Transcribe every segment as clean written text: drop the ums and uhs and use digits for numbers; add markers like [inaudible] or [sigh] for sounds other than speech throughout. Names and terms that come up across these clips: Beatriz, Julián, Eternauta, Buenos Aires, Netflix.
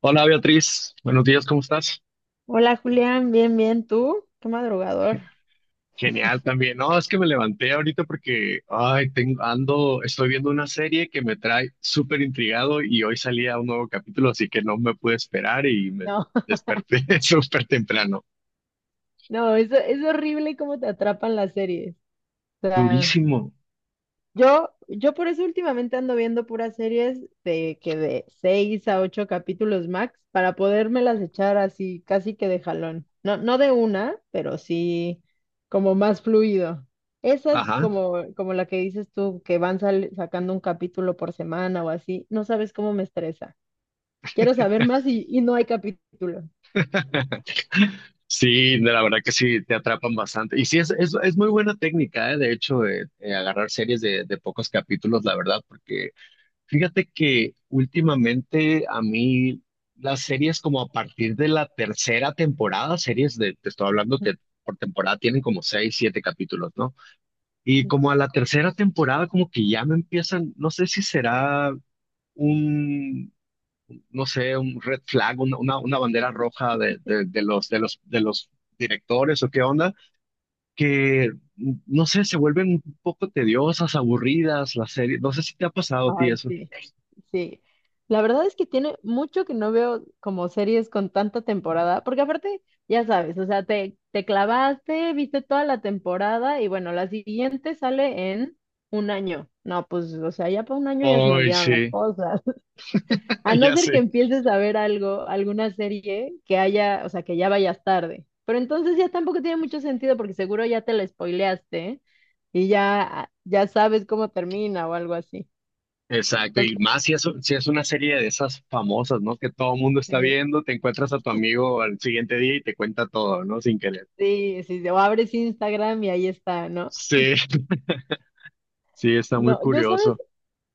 Hola Beatriz, buenos días, ¿cómo estás? Hola Julián, bien, bien, ¿tú? Qué madrugador. Genial también. No, es que me levanté ahorita porque, ay, estoy viendo una serie que me trae súper intrigado y hoy salía un nuevo capítulo, así que no me pude esperar y me No, desperté [laughs] súper temprano. [laughs] no, eso es horrible cómo te atrapan las series. O sea, Durísimo. yo por eso últimamente ando viendo puras series de seis a ocho capítulos max para podérmelas echar así casi que de jalón. No, no de una, pero sí como más fluido. Esas Ajá. como la que dices tú, que van sacando un capítulo por semana o así, no sabes cómo me estresa. Quiero saber más y no hay capítulo. [laughs] Sí, la verdad que sí, te atrapan bastante. Y sí, es muy buena técnica, ¿eh? De hecho, agarrar series de pocos capítulos, la verdad, porque Fíjate que últimamente a mí las series como a partir de la tercera temporada, te estoy hablando que por temporada tienen como seis, siete capítulos, ¿no? Y como a la tercera temporada como que ya me empiezan, no sé si será un, no sé, un red flag, una bandera roja de los directores o qué onda, que no sé, se vuelven un poco tediosas, aburridas las series. No sé si te ha pasado a ti Ay, eso. sí, sí. La verdad es que tiene mucho que no veo como series con tanta temporada, porque aparte, ya sabes, o sea, te clavaste, viste toda la temporada y bueno, la siguiente sale en un año. No, pues, o sea, ya para un año ya se me Ay, olvidaron las sí. cosas. [laughs] A [laughs] no Ya ser que sé. empieces a ver algo, alguna serie que haya, o sea, que ya vayas tarde. Pero entonces ya tampoco tiene mucho sentido porque seguro ya te la spoileaste y ya, ya sabes cómo termina o algo así. Exacto, Entonces, y más si es una serie de esas famosas, ¿no? Que todo el mundo está sí. viendo, te encuentras a tu amigo al siguiente día y te cuenta todo, ¿no? Sin querer. Sí, sí, sí, o abres Instagram y ahí está, ¿no? Sí, [laughs] sí, está muy No, yo sabes, curioso.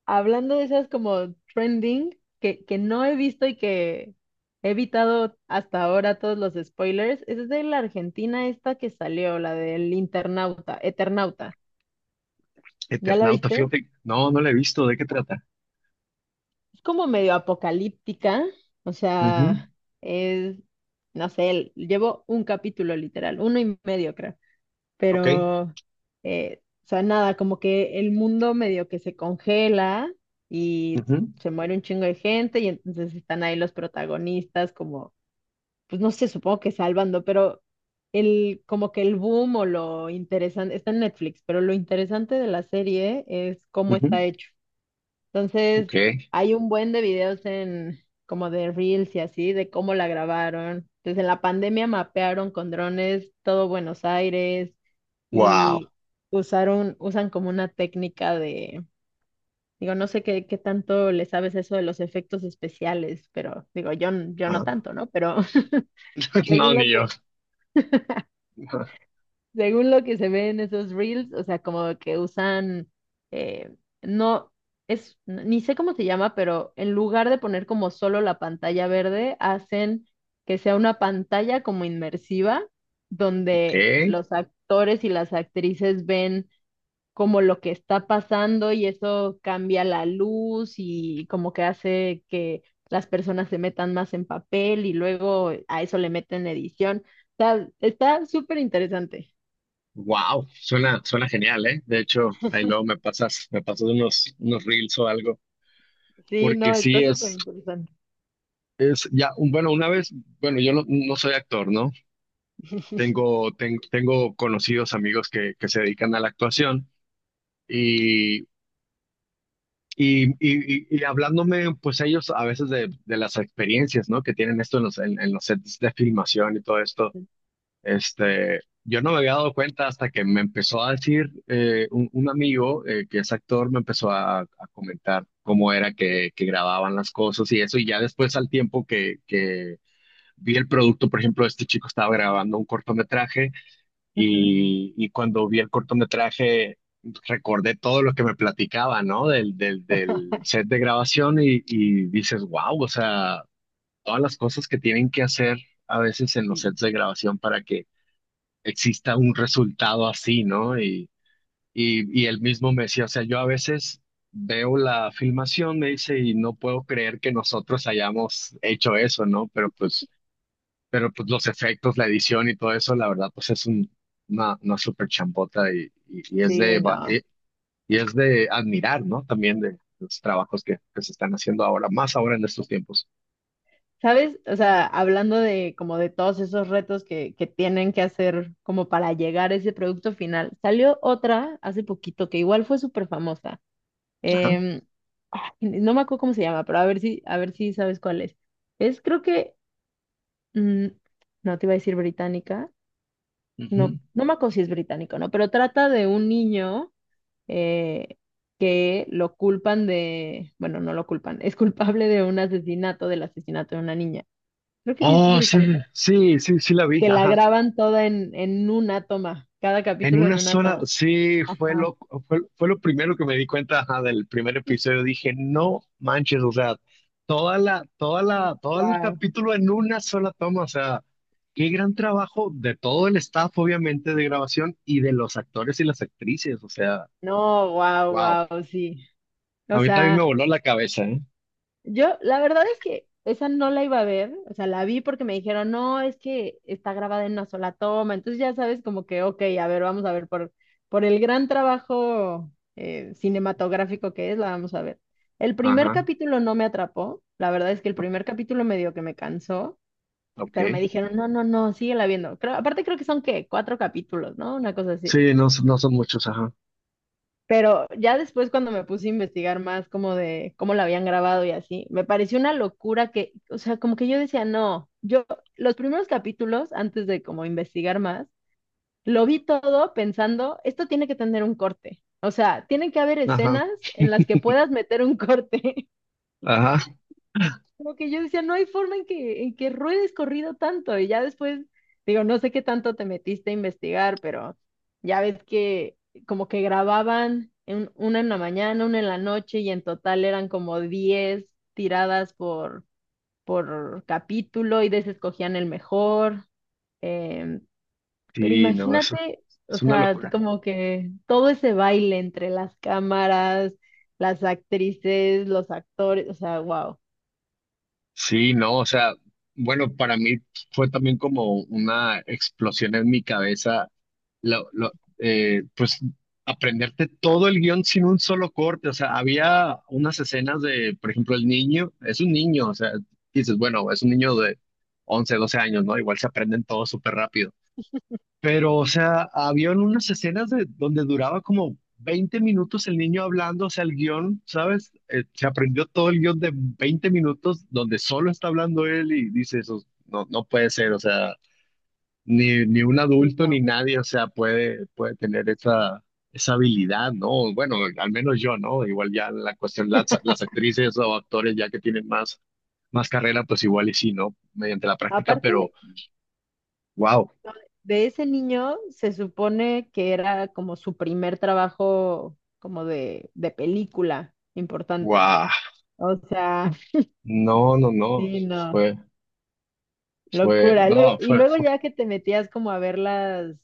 hablando de esas como trending, que no he visto y que he evitado hasta ahora todos los spoilers, es de la Argentina esta que salió, la del internauta, Eternauta. ¿Ya la Eternauta, viste? fíjate, no la he visto, ¿de qué trata? Es como medio apocalíptica, o Ujú, sea, es, no sé, llevo un capítulo literal, uno y medio creo. ok, Pero, o sea, nada, como que el mundo medio que se congela y ujú, se muere un chingo de gente y entonces están ahí los protagonistas como, pues no sé, supongo que salvando, pero como que el boom o lo interesante, está en Netflix, pero lo interesante de la serie es cómo está ujú, hecho. ok, Entonces, hay un buen de videos en como de Reels y así, de cómo la grabaron. Entonces, en la pandemia mapearon con drones todo Buenos Aires wow. y usan como una técnica de, digo, no sé qué tanto le sabes eso de los efectos especiales, pero digo, yo no Ah, tanto, ¿no? Pero [laughs] [laughs] No, según ni lo yo. que [laughs] Según lo que se ve en esos reels, o sea, como que usan, eh, no, ni sé cómo se llama, pero en lugar de poner como solo la pantalla verde, hacen que sea una pantalla como inmersiva, Ok, donde los actores y las actrices ven como lo que está pasando y eso cambia la luz y como que hace que las personas se metan más en papel y luego a eso le meten edición. Está súper interesante. wow, suena genial, ¿eh? De hecho, ahí luego me pasas unos reels o algo, Sí, porque no, sí está súper es. interesante. Es ya, bueno, una vez, bueno, yo no soy actor, ¿no? Tengo conocidos amigos que se dedican a la actuación y, y hablándome, pues ellos a veces de las experiencias, ¿no? Que tienen esto en los sets de filmación y todo esto, este, yo no me había dado cuenta hasta que me empezó a decir un amigo que es actor, me empezó a comentar cómo era que grababan las cosas y eso, y ya después al tiempo vi el producto, por ejemplo, este chico estaba grabando un cortometraje Ujú. Y cuando vi el cortometraje recordé todo lo que me platicaba, ¿no? Del [laughs] set de grabación y dices, wow, o sea, todas las cosas que tienen que hacer a veces en los Sí, sets de grabación para que exista un resultado así, ¿no? Y él mismo me decía, o sea, yo a veces veo la filmación, me dice, y no puedo creer que nosotros hayamos hecho eso, ¿no? Pero pues los efectos, la edición y todo eso, la verdad, pues es una súper chambota es sí, de, va- no. Y es de admirar, ¿no? También de los trabajos que se están haciendo ahora, más ahora en estos tiempos. ¿Sabes? O sea, hablando de como de todos esos retos que tienen que hacer como para llegar a ese producto final, salió otra hace poquito que igual fue súper famosa. Ajá. Em, ay, no me acuerdo cómo se llama, pero a ver si sabes cuál es. Es creo que, mm, no te iba a decir británica, no, Ujú. no me acuerdo si es británico, ¿no? Pero trata de un niño. Eh, que lo culpan de, bueno, no lo culpan, [laughs] es culpable de un asesinato, del asesinato de una niña. Creo que sí es Oh, sí, británica. sí, sí, sí la vi, Que la ajá. graban toda en una toma, cada En capítulo una en una sola, toma. sí, fue Ajá. lo, fue, fue lo primero que me di cuenta, ajá, del primer episodio. Dije, no manches, o sea, toda la, toda Sí, la, todo el wow. capítulo en una sola toma, o sea, qué gran trabajo de todo el staff, obviamente, de grabación y de los actores y las actrices, o sea, No, wow, wow. wow, sí. A O mí también me sea, voló la cabeza, ¿eh? yo, la verdad es que esa no la iba a ver, o sea, la vi porque me dijeron, no, es que está grabada en una sola toma, entonces ya sabes como que, ok, a ver, vamos a ver por el gran trabajo cinematográfico que es, la vamos a ver. El primer Ajá, capítulo no me atrapó, la verdad es que el ok. primer capítulo me dio que me cansó, pero me Ok. dijeron, no, no, no, síguela viendo. Aparte creo que son, ¿qué? Cuatro capítulos, ¿no? Una cosa así. Sí, no, no son muchos, ajá, Pero ya después cuando me puse a investigar más como de cómo la habían grabado y así, me pareció una locura que, o sea, como que yo decía, no, yo los primeros capítulos, antes de como investigar más, lo vi todo pensando, esto tiene que tener un corte. O sea, tienen que haber ajá, escenas en las que puedas meter un [laughs] corte. ajá. Como que yo decía, no hay forma en que ruedes corrido tanto. Y ya después, digo, no sé qué tanto te metiste a investigar, pero ya ves que como que grababan una en la mañana, una en la noche, y en total eran como 10 tiradas por capítulo y desescogían el mejor. Em, pero Sí, no, eso imagínate, o es una sea, locura. como que todo ese baile entre las cámaras, las actrices, los actores, o sea, wow. Sí, no, o sea, bueno, para mí fue también como una explosión en mi cabeza, lo, lo- pues aprenderte todo el guión sin un solo corte, o sea, había unas escenas de, por ejemplo, el niño, es un niño, o sea, dices, bueno, es un niño de 11, 12 años, ¿no? Igual se aprenden todo súper rápido. Pero, o sea, habían unas escenas de, donde duraba como 20 minutos el niño hablando, o sea, el guión, ¿sabes? Se aprendió todo el guión de 20 minutos donde solo está hablando él y dice eso, no puede ser, o sea, ni un adulto ni nadie, o sea, puede tener esa, esa habilidad, ¿no? Bueno, al menos yo, ¿no? Igual ya la cuestión, las actrices o actores ya que tienen más, carrera, pues igual y sí, ¿no? Mediante la práctica, Aparte pero, wow, no, de ese niño, se supone que era como su primer trabajo como de película importante. wow, O sea, no, no, [laughs] no. sí, no, Fue, Fue, locura. No, Y luego ya que te metías como a ver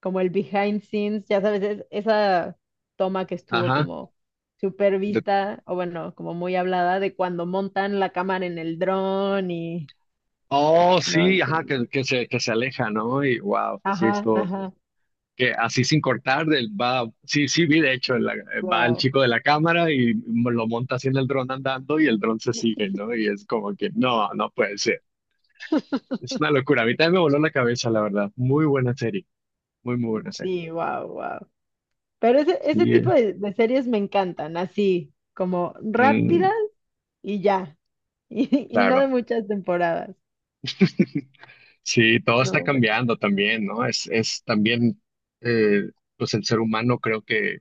como el behind scenes, ya sabes, esa toma que estuvo ajá. como super de- vista, o bueno, como muy hablada de cuando montan la cámara en el dron y, oh, no, sí, ajá, increíble. que se aleja, ¿no? Y wow, sí, Ajá, esto, ajá, que así sin cortar, del, va, sí, sí, vi de hecho, va el wow. chico de la cámara y lo monta así en el dron andando y el dron se sigue, ¿no? Y es como que, no puede ser. Es una locura. A mí también me voló la cabeza, la verdad. Muy buena serie, muy, muy buena serie. Sí, wow, wow. Pero ese Sí, tipo eh. de series me encantan, así, como Mm, rápidas y ya. [laughs] Y no claro. de muchas temporadas. [laughs] Sí, todo está No, pero cambiando también, ¿no? Es también, eh, pues el ser humano creo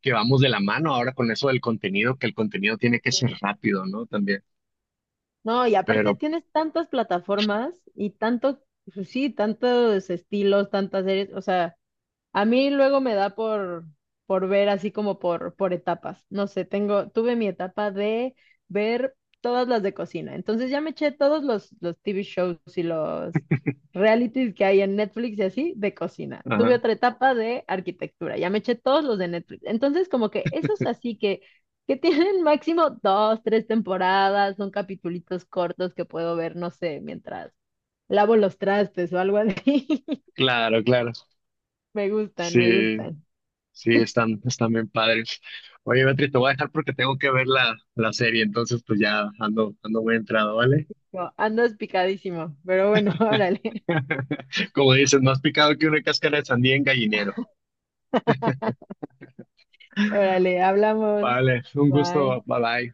que vamos de la mano ahora con eso del contenido, que el contenido tiene que ser sí. rápido, ¿no? También, No, y aparte pero, tienes tantas plataformas y tanto, pues sí, tantos estilos, tantas series. O sea, a mí luego me da por ver así como por etapas. No sé, tuve mi etapa de ver todas las de cocina. Entonces ya me eché todos los TV shows y los [laughs] realities que hay en Netflix y así de cocina. Tuve ajá, otra etapa de arquitectura. Ya me eché todos los de Netflix. Entonces como que esos así que [laughs] tienen máximo dos, tres temporadas, son capitulitos cortos que puedo ver, no sé, mientras lavo los trastes o algo así. [laughs] claro, claro. Me gustan, me Sí, gustan. sí, están bien padres. Oye, Beatriz, te voy a dejar porque tengo que ver la serie, entonces pues ya ando muy entrado, ¿vale? No, andas picadísimo, pero bueno, [laughs] órale, [laughs] Como dices, más picado que una cáscara de sandía en gallinero. órale, hablamos. Vale, un gusto, Bye. bye bye.